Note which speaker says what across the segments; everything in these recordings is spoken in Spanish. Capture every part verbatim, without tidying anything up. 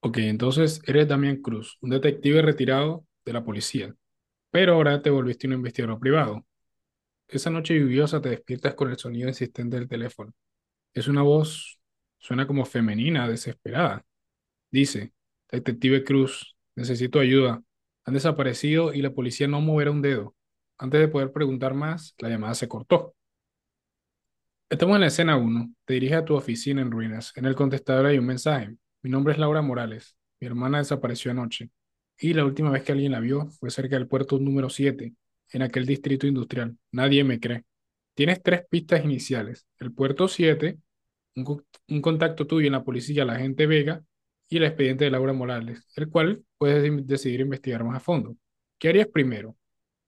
Speaker 1: Ok, entonces eres Damián Cruz, un detective retirado de la policía, pero ahora te volviste un investigador privado. Esa noche lluviosa te despiertas con el sonido insistente del teléfono. Es una voz, suena como femenina, desesperada. Dice, Detective Cruz, necesito ayuda. Han desaparecido y la policía no moverá un dedo. Antes de poder preguntar más, la llamada se cortó. Estamos en la escena uno. Te diriges a tu oficina en ruinas. En el contestador hay un mensaje. Mi nombre es Laura Morales. Mi hermana desapareció anoche. Y la última vez que alguien la vio fue cerca del puerto número siete, en aquel distrito industrial. Nadie me cree. Tienes tres pistas iniciales. El puerto siete, un, co- un contacto tuyo en la policía, la agente Vega, y el expediente de Laura Morales, el cual puedes de- decidir investigar más a fondo. ¿Qué harías primero?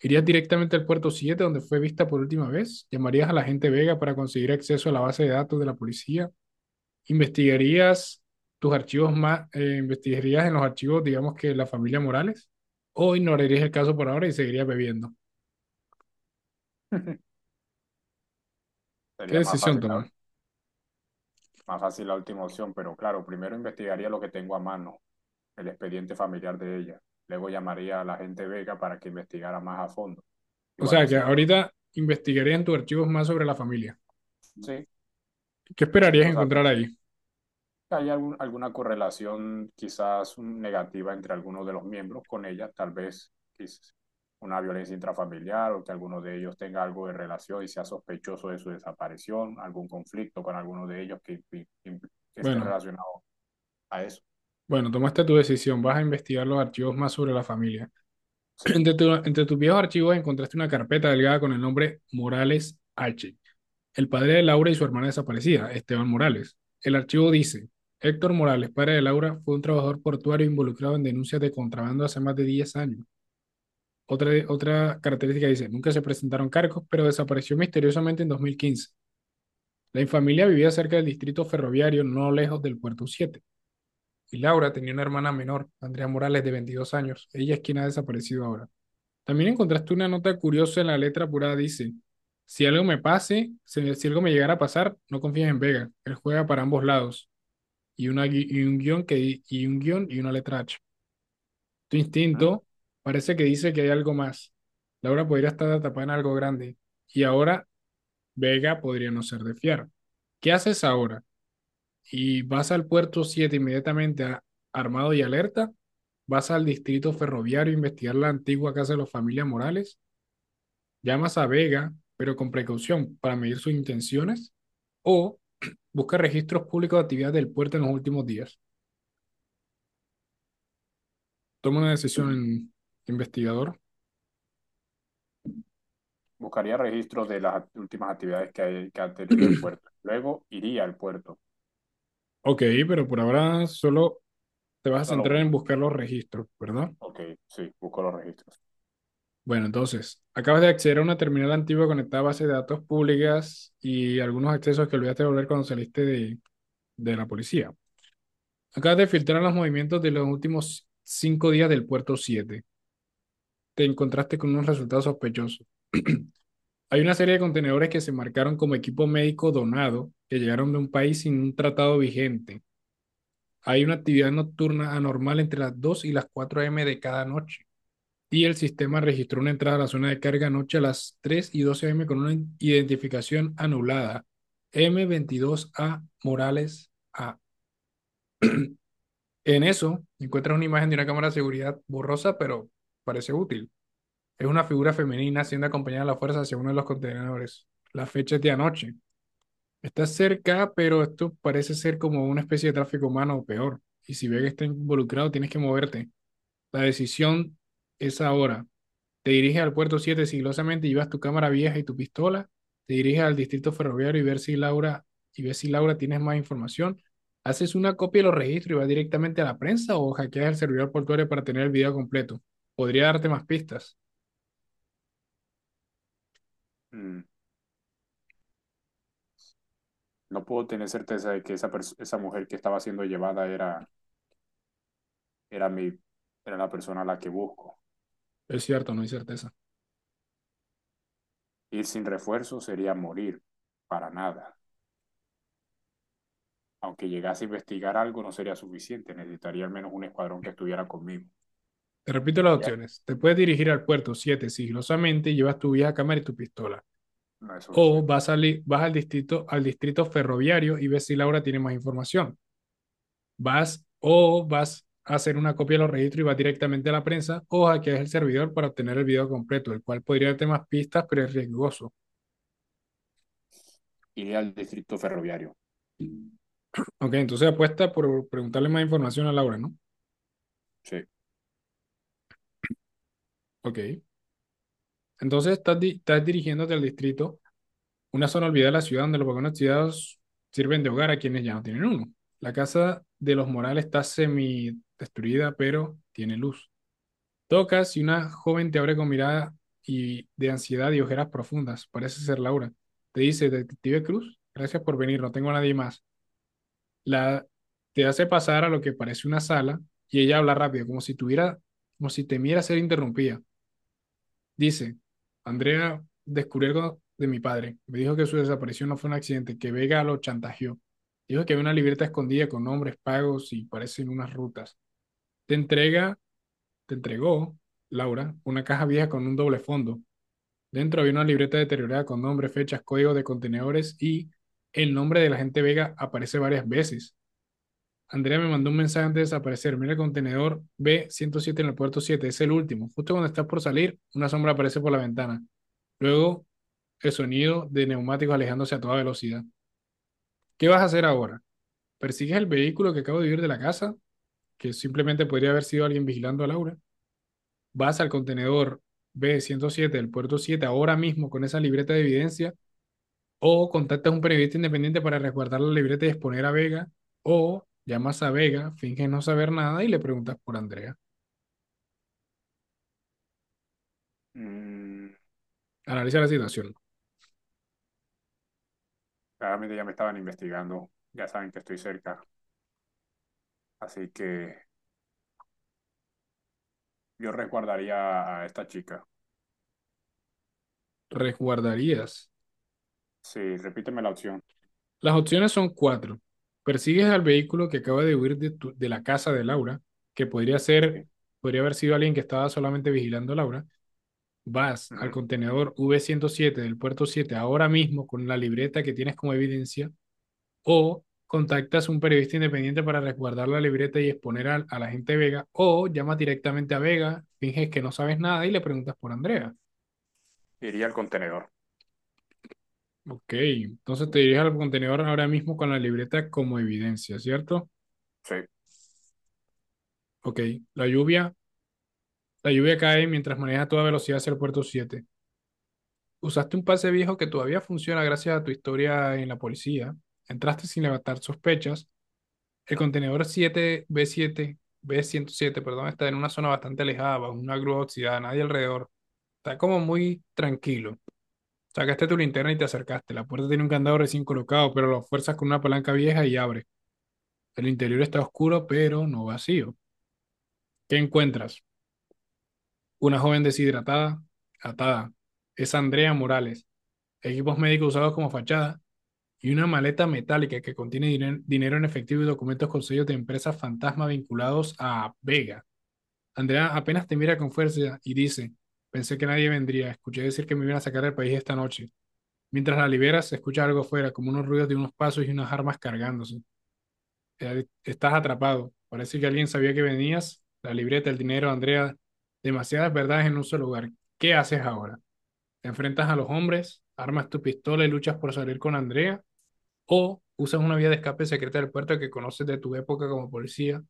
Speaker 1: ¿Irías directamente al puerto siete donde fue vista por última vez? ¿Llamarías a la gente Vega para conseguir acceso a la base de datos de la policía? ¿Investigarías tus archivos más, eh, investigarías en los archivos, digamos que la familia Morales? ¿O ignorarías el caso por ahora y seguirías bebiendo? ¿Qué
Speaker 2: Sería más
Speaker 1: decisión
Speaker 2: fácil, la-
Speaker 1: tomas?
Speaker 2: más fácil la última opción, pero claro, primero investigaría lo que tengo a mano, el expediente familiar de ella. Luego llamaría a la gente Vega para que investigara más a fondo. Y
Speaker 1: O sea,
Speaker 2: cuando
Speaker 1: que
Speaker 2: se coloque,
Speaker 1: ahorita investigarías en tus archivos más sobre la familia.
Speaker 2: sí,
Speaker 1: ¿Qué esperarías
Speaker 2: necesito saber
Speaker 1: encontrar
Speaker 2: si
Speaker 1: ahí?
Speaker 2: hay algún- alguna correlación, quizás un- negativa entre algunos de los miembros con ella, tal vez quizás una violencia intrafamiliar, o que alguno de ellos tenga algo de relación y sea sospechoso de su desaparición, algún conflicto con alguno de ellos que, que- que esté
Speaker 1: Bueno,
Speaker 2: relacionado a eso.
Speaker 1: bueno, tomaste tu decisión. Vas a investigar los archivos más sobre la familia.
Speaker 2: Sí.
Speaker 1: Entre, tu- entre tus viejos archivos encontraste una carpeta delgada con el nombre Morales H. El padre de Laura y su hermana desaparecida, Esteban Morales. El archivo dice, Héctor Morales, padre de Laura, fue un trabajador portuario involucrado en denuncias de contrabando hace más de diez años. Otra, otra característica dice, nunca se presentaron cargos, pero desapareció misteriosamente en dos mil quince. La infamilia vivía cerca del distrito ferroviario, no lejos del puerto siete. Y Laura tenía una hermana menor, Andrea Morales, de veintidós años. Ella es quien ha desaparecido ahora. También encontraste una nota curiosa en la letra apurada. Dice, si algo me pase, si, si algo me llegara a pasar, no confíes en Vega. Él juega para ambos lados. Y, una, gui- y un guión que, di- y un guión y una letra H. Tu instinto parece que dice que hay algo más. Laura podría estar atrapada en algo grande. Y ahora Vega podría no ser de fiar. ¿Qué haces ahora? ¿Y vas al puerto Siete inmediatamente a- armado y alerta? ¿Vas al distrito ferroviario a investigar la antigua casa de los familia Morales? Llamas a Vega, pero con precaución para medir sus intenciones o busca registros públicos de actividades del puerto en los últimos días. Toma una decisión, investigador.
Speaker 2: Buscaría registros de las act- últimas actividades que, hay- que ha tenido el puerto. Luego iría al puerto.
Speaker 1: Ok, pero por ahora solo te vas a
Speaker 2: Solo
Speaker 1: centrar
Speaker 2: una.
Speaker 1: en buscar los registros, ¿verdad?
Speaker 2: Ok, sí, busco los registros.
Speaker 1: Bueno, entonces, acabas de acceder a una terminal antigua conectada a bases de datos públicas y algunos accesos que olvidaste de volver cuando saliste de, de la policía. Acabas de filtrar los movimientos de los últimos cinco días del puerto siete. Te encontraste con unos resultados sospechosos. Hay una serie de contenedores que se marcaron como equipo médico donado, que llegaron de un país sin un tratado vigente. Hay una actividad nocturna anormal entre las dos y las cuatro a m de cada noche. Y el sistema registró una entrada a la zona de carga anoche a las tres y doce a m con una identificación anulada. M veintidós a Morales A. En eso encuentras una imagen de una cámara de seguridad borrosa, pero parece útil. Es una figura femenina siendo acompañada a la fuerza hacia uno de los contenedores. La fecha es de anoche. Está cerca, pero esto parece ser como una especie de tráfico humano o peor. Y si ve que está involucrado, tienes que moverte. La decisión es ahora. Te diriges al puerto Siete sigilosamente, llevas tu cámara vieja y tu pistola. Te diriges al distrito ferroviario y ver si Laura, y ves si Laura tienes más información. Haces una copia de los registros y vas directamente a la prensa o hackeas el servidor portuario para tener el video completo. Podría darte más pistas.
Speaker 2: Mm, No puedo tener certeza de que esa, pers- esa mujer que estaba siendo llevada era, era, mi, era la persona a la que busco.
Speaker 1: Es cierto, no hay certeza.
Speaker 2: Ir sin refuerzo sería morir. Para nada. Aunque llegase a investigar algo, no sería suficiente. Necesitaría al menos un escuadrón que estuviera conmigo.
Speaker 1: Te repito las
Speaker 2: Voy a-
Speaker 1: opciones. Te puedes dirigir al puerto Siete sigilosamente, llevas tu vieja cámara y tu pistola.
Speaker 2: No es
Speaker 1: O
Speaker 2: suficiente.
Speaker 1: vas, al, vas al, distrito, al distrito ferroviario y ves si Laura tiene más información. Vas o vas a hacer una copia de los registros y vas directamente a la prensa o hackeas el servidor para obtener el video completo, el cual podría darte más pistas, pero es riesgoso.
Speaker 2: Iría al distrito ferroviario.
Speaker 1: Ok, entonces apuesta por preguntarle más información a Laura, ¿no?
Speaker 2: Sí.
Speaker 1: Ok. Entonces estás, di- estás dirigiéndote al distrito, una zona olvidada de la ciudad donde los vagones ciudadanos sirven de hogar a quienes ya no tienen uno. La casa de los Morales está semi destruida, pero tiene luz. Tocas y una joven te abre con mirada y de ansiedad y ojeras profundas. Parece ser Laura. Te dice, Detective Cruz, gracias por venir, no tengo a nadie más. La, Te hace pasar a lo que parece una sala y ella habla rápido, como si tuviera, como si temiera ser interrumpida. Dice, Andrea descubrió algo de mi padre. Me dijo que su desaparición no fue un accidente, que Vega lo chantajeó. Dijo que había una libreta escondida con nombres pagos y parecen unas rutas. Te entrega Te entregó, Laura, una caja vieja con un doble fondo. Dentro había una libreta deteriorada con nombre, fechas, código de contenedores y el nombre del agente Vega aparece varias veces. Andrea me mandó un mensaje antes de desaparecer. Mira el contenedor b ciento siete en el puerto siete. Es el último. Justo cuando estás por salir, una sombra aparece por la ventana. Luego, el sonido de neumáticos alejándose a toda velocidad. ¿Qué vas a hacer ahora? ¿Persigues el vehículo que acabo de huir de la casa? Que simplemente podría haber sido alguien vigilando a Laura. Vas al contenedor b ciento siete del puerto siete ahora mismo con esa libreta de evidencia, o contactas a un periodista independiente para resguardar la libreta y exponer a Vega, o llamas a Vega, finges no saber nada y le preguntas por Andrea.
Speaker 2: Mm,
Speaker 1: Analiza la situación.
Speaker 2: Claramente ya me estaban investigando, ya saben que estoy cerca, así que yo resguardaría a esta chica.
Speaker 1: ¿Resguardarías?
Speaker 2: Sí, repíteme la opción.
Speaker 1: Las opciones son cuatro. Persigues al vehículo que acaba de huir de, tu- de la casa de Laura, que podría ser,
Speaker 2: Sí.
Speaker 1: podría haber sido alguien que estaba solamente vigilando a Laura. Vas al
Speaker 2: Ujú.
Speaker 1: contenedor v ciento siete del puerto siete ahora mismo con la libreta que tienes como evidencia o contactas a un periodista independiente para resguardar la libreta y exponer al- a la gente de Vega, o llamas directamente a Vega, finges que no sabes nada y le preguntas por Andrea.
Speaker 2: Iría al contenedor.
Speaker 1: Ok, entonces te diriges al contenedor ahora mismo con la libreta como evidencia, ¿cierto?
Speaker 2: Sí.
Speaker 1: Ok, la lluvia, la lluvia cae mientras manejas a toda velocidad hacia el puerto siete. Usaste un pase viejo que todavía funciona gracias a tu historia en la policía. Entraste sin levantar sospechas. El contenedor siete b siete b ciento siete, perdón, está en una zona bastante alejada, bajo una grúa oxidada, nadie alrededor. Está como muy tranquilo. Sacaste tu linterna y te acercaste. La puerta tiene un candado recién colocado, pero lo fuerzas con una palanca vieja y abre. El interior está oscuro, pero no vacío. ¿Qué encuentras? Una joven deshidratada, atada. Es Andrea Morales. Equipos médicos usados como fachada y una maleta metálica que contiene diner- dinero en efectivo y documentos con sellos de empresas fantasma vinculados a Vega. Andrea apenas te mira con fuerza y dice, pensé que nadie vendría, escuché decir que me iban a sacar del país esta noche. Mientras la liberas, se escucha algo fuera, como unos ruidos de unos pasos y unas armas cargándose. Eh, Estás atrapado. Parece que alguien sabía que venías. La libreta, el dinero, Andrea, demasiadas verdades en un solo lugar. ¿Qué haces ahora? ¿Te enfrentas a los hombres? ¿Armas tu pistola y luchas por salir con Andrea? ¿O usas una vía de escape secreta del puerto que conoces de tu época como policía?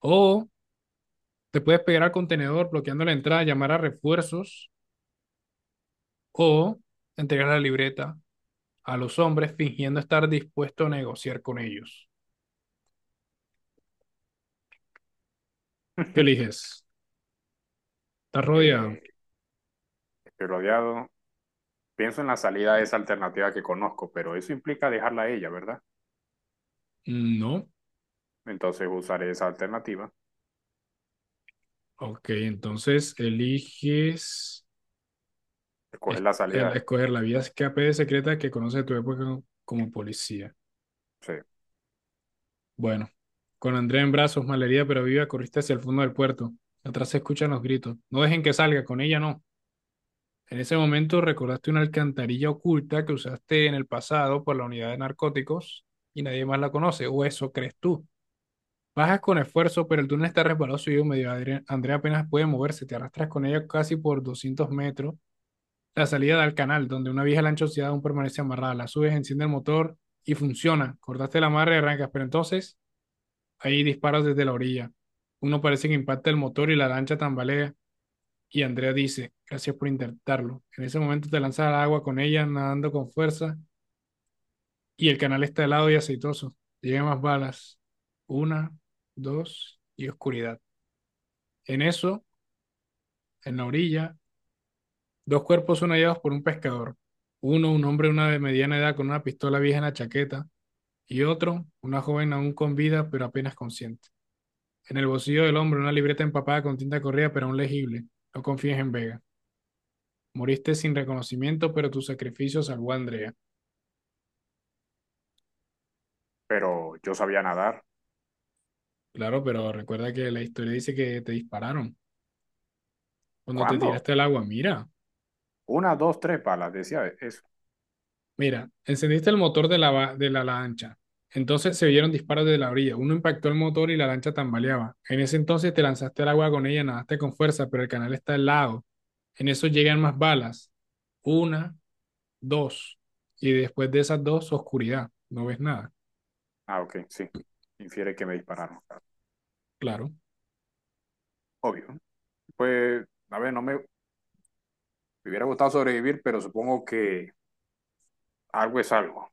Speaker 1: ¿O te puedes pegar al contenedor bloqueando la entrada, llamar a refuerzos o entregar la libreta a los hombres fingiendo estar dispuesto a negociar con ellos? ¿Qué eliges? ¿Estás rodeado?
Speaker 2: Eh, estoy rodeado. Pienso en la salida de esa alternativa que conozco, pero eso implica dejarla a ella, ¿verdad?
Speaker 1: No.
Speaker 2: Entonces usaré esa alternativa,
Speaker 1: Ok, entonces eliges
Speaker 2: escoger
Speaker 1: es-
Speaker 2: la
Speaker 1: el-
Speaker 2: salida.
Speaker 1: escoger la vía escape secreta que conoce tu época como como policía.
Speaker 2: Sí.
Speaker 1: Bueno, con Andrea en brazos, malherida pero viva, corriste hacia el fondo del puerto. Atrás se escuchan los gritos. No dejen que salga, con ella no. En ese momento recordaste una alcantarilla oculta que usaste en el pasado por la unidad de narcóticos y nadie más la conoce, o eso crees tú. Bajas con esfuerzo, pero el túnel está resbaloso y húmedo. Adre- Andrea apenas puede moverse, te arrastras con ella casi por doscientos metros. La salida da al canal, donde una vieja lancha oxidada aún permanece amarrada. La subes, enciende el motor y funciona. Cortaste la amarra y arrancas, pero entonces ahí disparas desde la orilla. Uno parece que impacta el motor y la lancha tambalea. Y Andrea dice, gracias por intentarlo. En ese momento te lanzas al agua con ella, nadando con fuerza, y el canal está helado y aceitoso. Llegan más balas. Una, dos y oscuridad. En eso, en la orilla, dos cuerpos son hallados por un pescador. Uno, un hombre de una de mediana edad con una pistola vieja en la chaqueta, y otro, una joven aún con vida pero apenas consciente. En el bolsillo del hombre una libreta empapada con tinta corrida pero aún legible. No confíes en Vega. Moriste sin reconocimiento, pero tu sacrificio salvó a Andrea.
Speaker 2: Pero yo sabía nadar.
Speaker 1: Claro, pero recuerda que la historia dice que te dispararon cuando te
Speaker 2: ¿Cuándo?
Speaker 1: tiraste al agua. Mira,
Speaker 2: Una, dos, tres balas, decía eso.
Speaker 1: mira, encendiste el motor de la, va- de la lancha. Entonces se oyeron disparos de la orilla. Uno impactó el motor y la lancha tambaleaba. En ese entonces te lanzaste al agua con ella, nadaste con fuerza, pero el canal está helado. En eso llegan más balas. Una, dos. Y después de esas dos, oscuridad. No ves nada.
Speaker 2: Ah, ok, sí. Infiere que me dispararon.
Speaker 1: Claro,
Speaker 2: Obvio. Pues, a ver, no me, me hubiera gustado sobrevivir, pero supongo que algo es algo.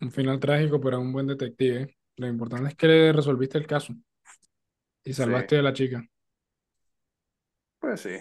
Speaker 1: un final trágico, pero un buen detective, ¿eh? Lo importante es que le resolviste el caso y
Speaker 2: Sí,
Speaker 1: salvaste a la chica.
Speaker 2: pues sí.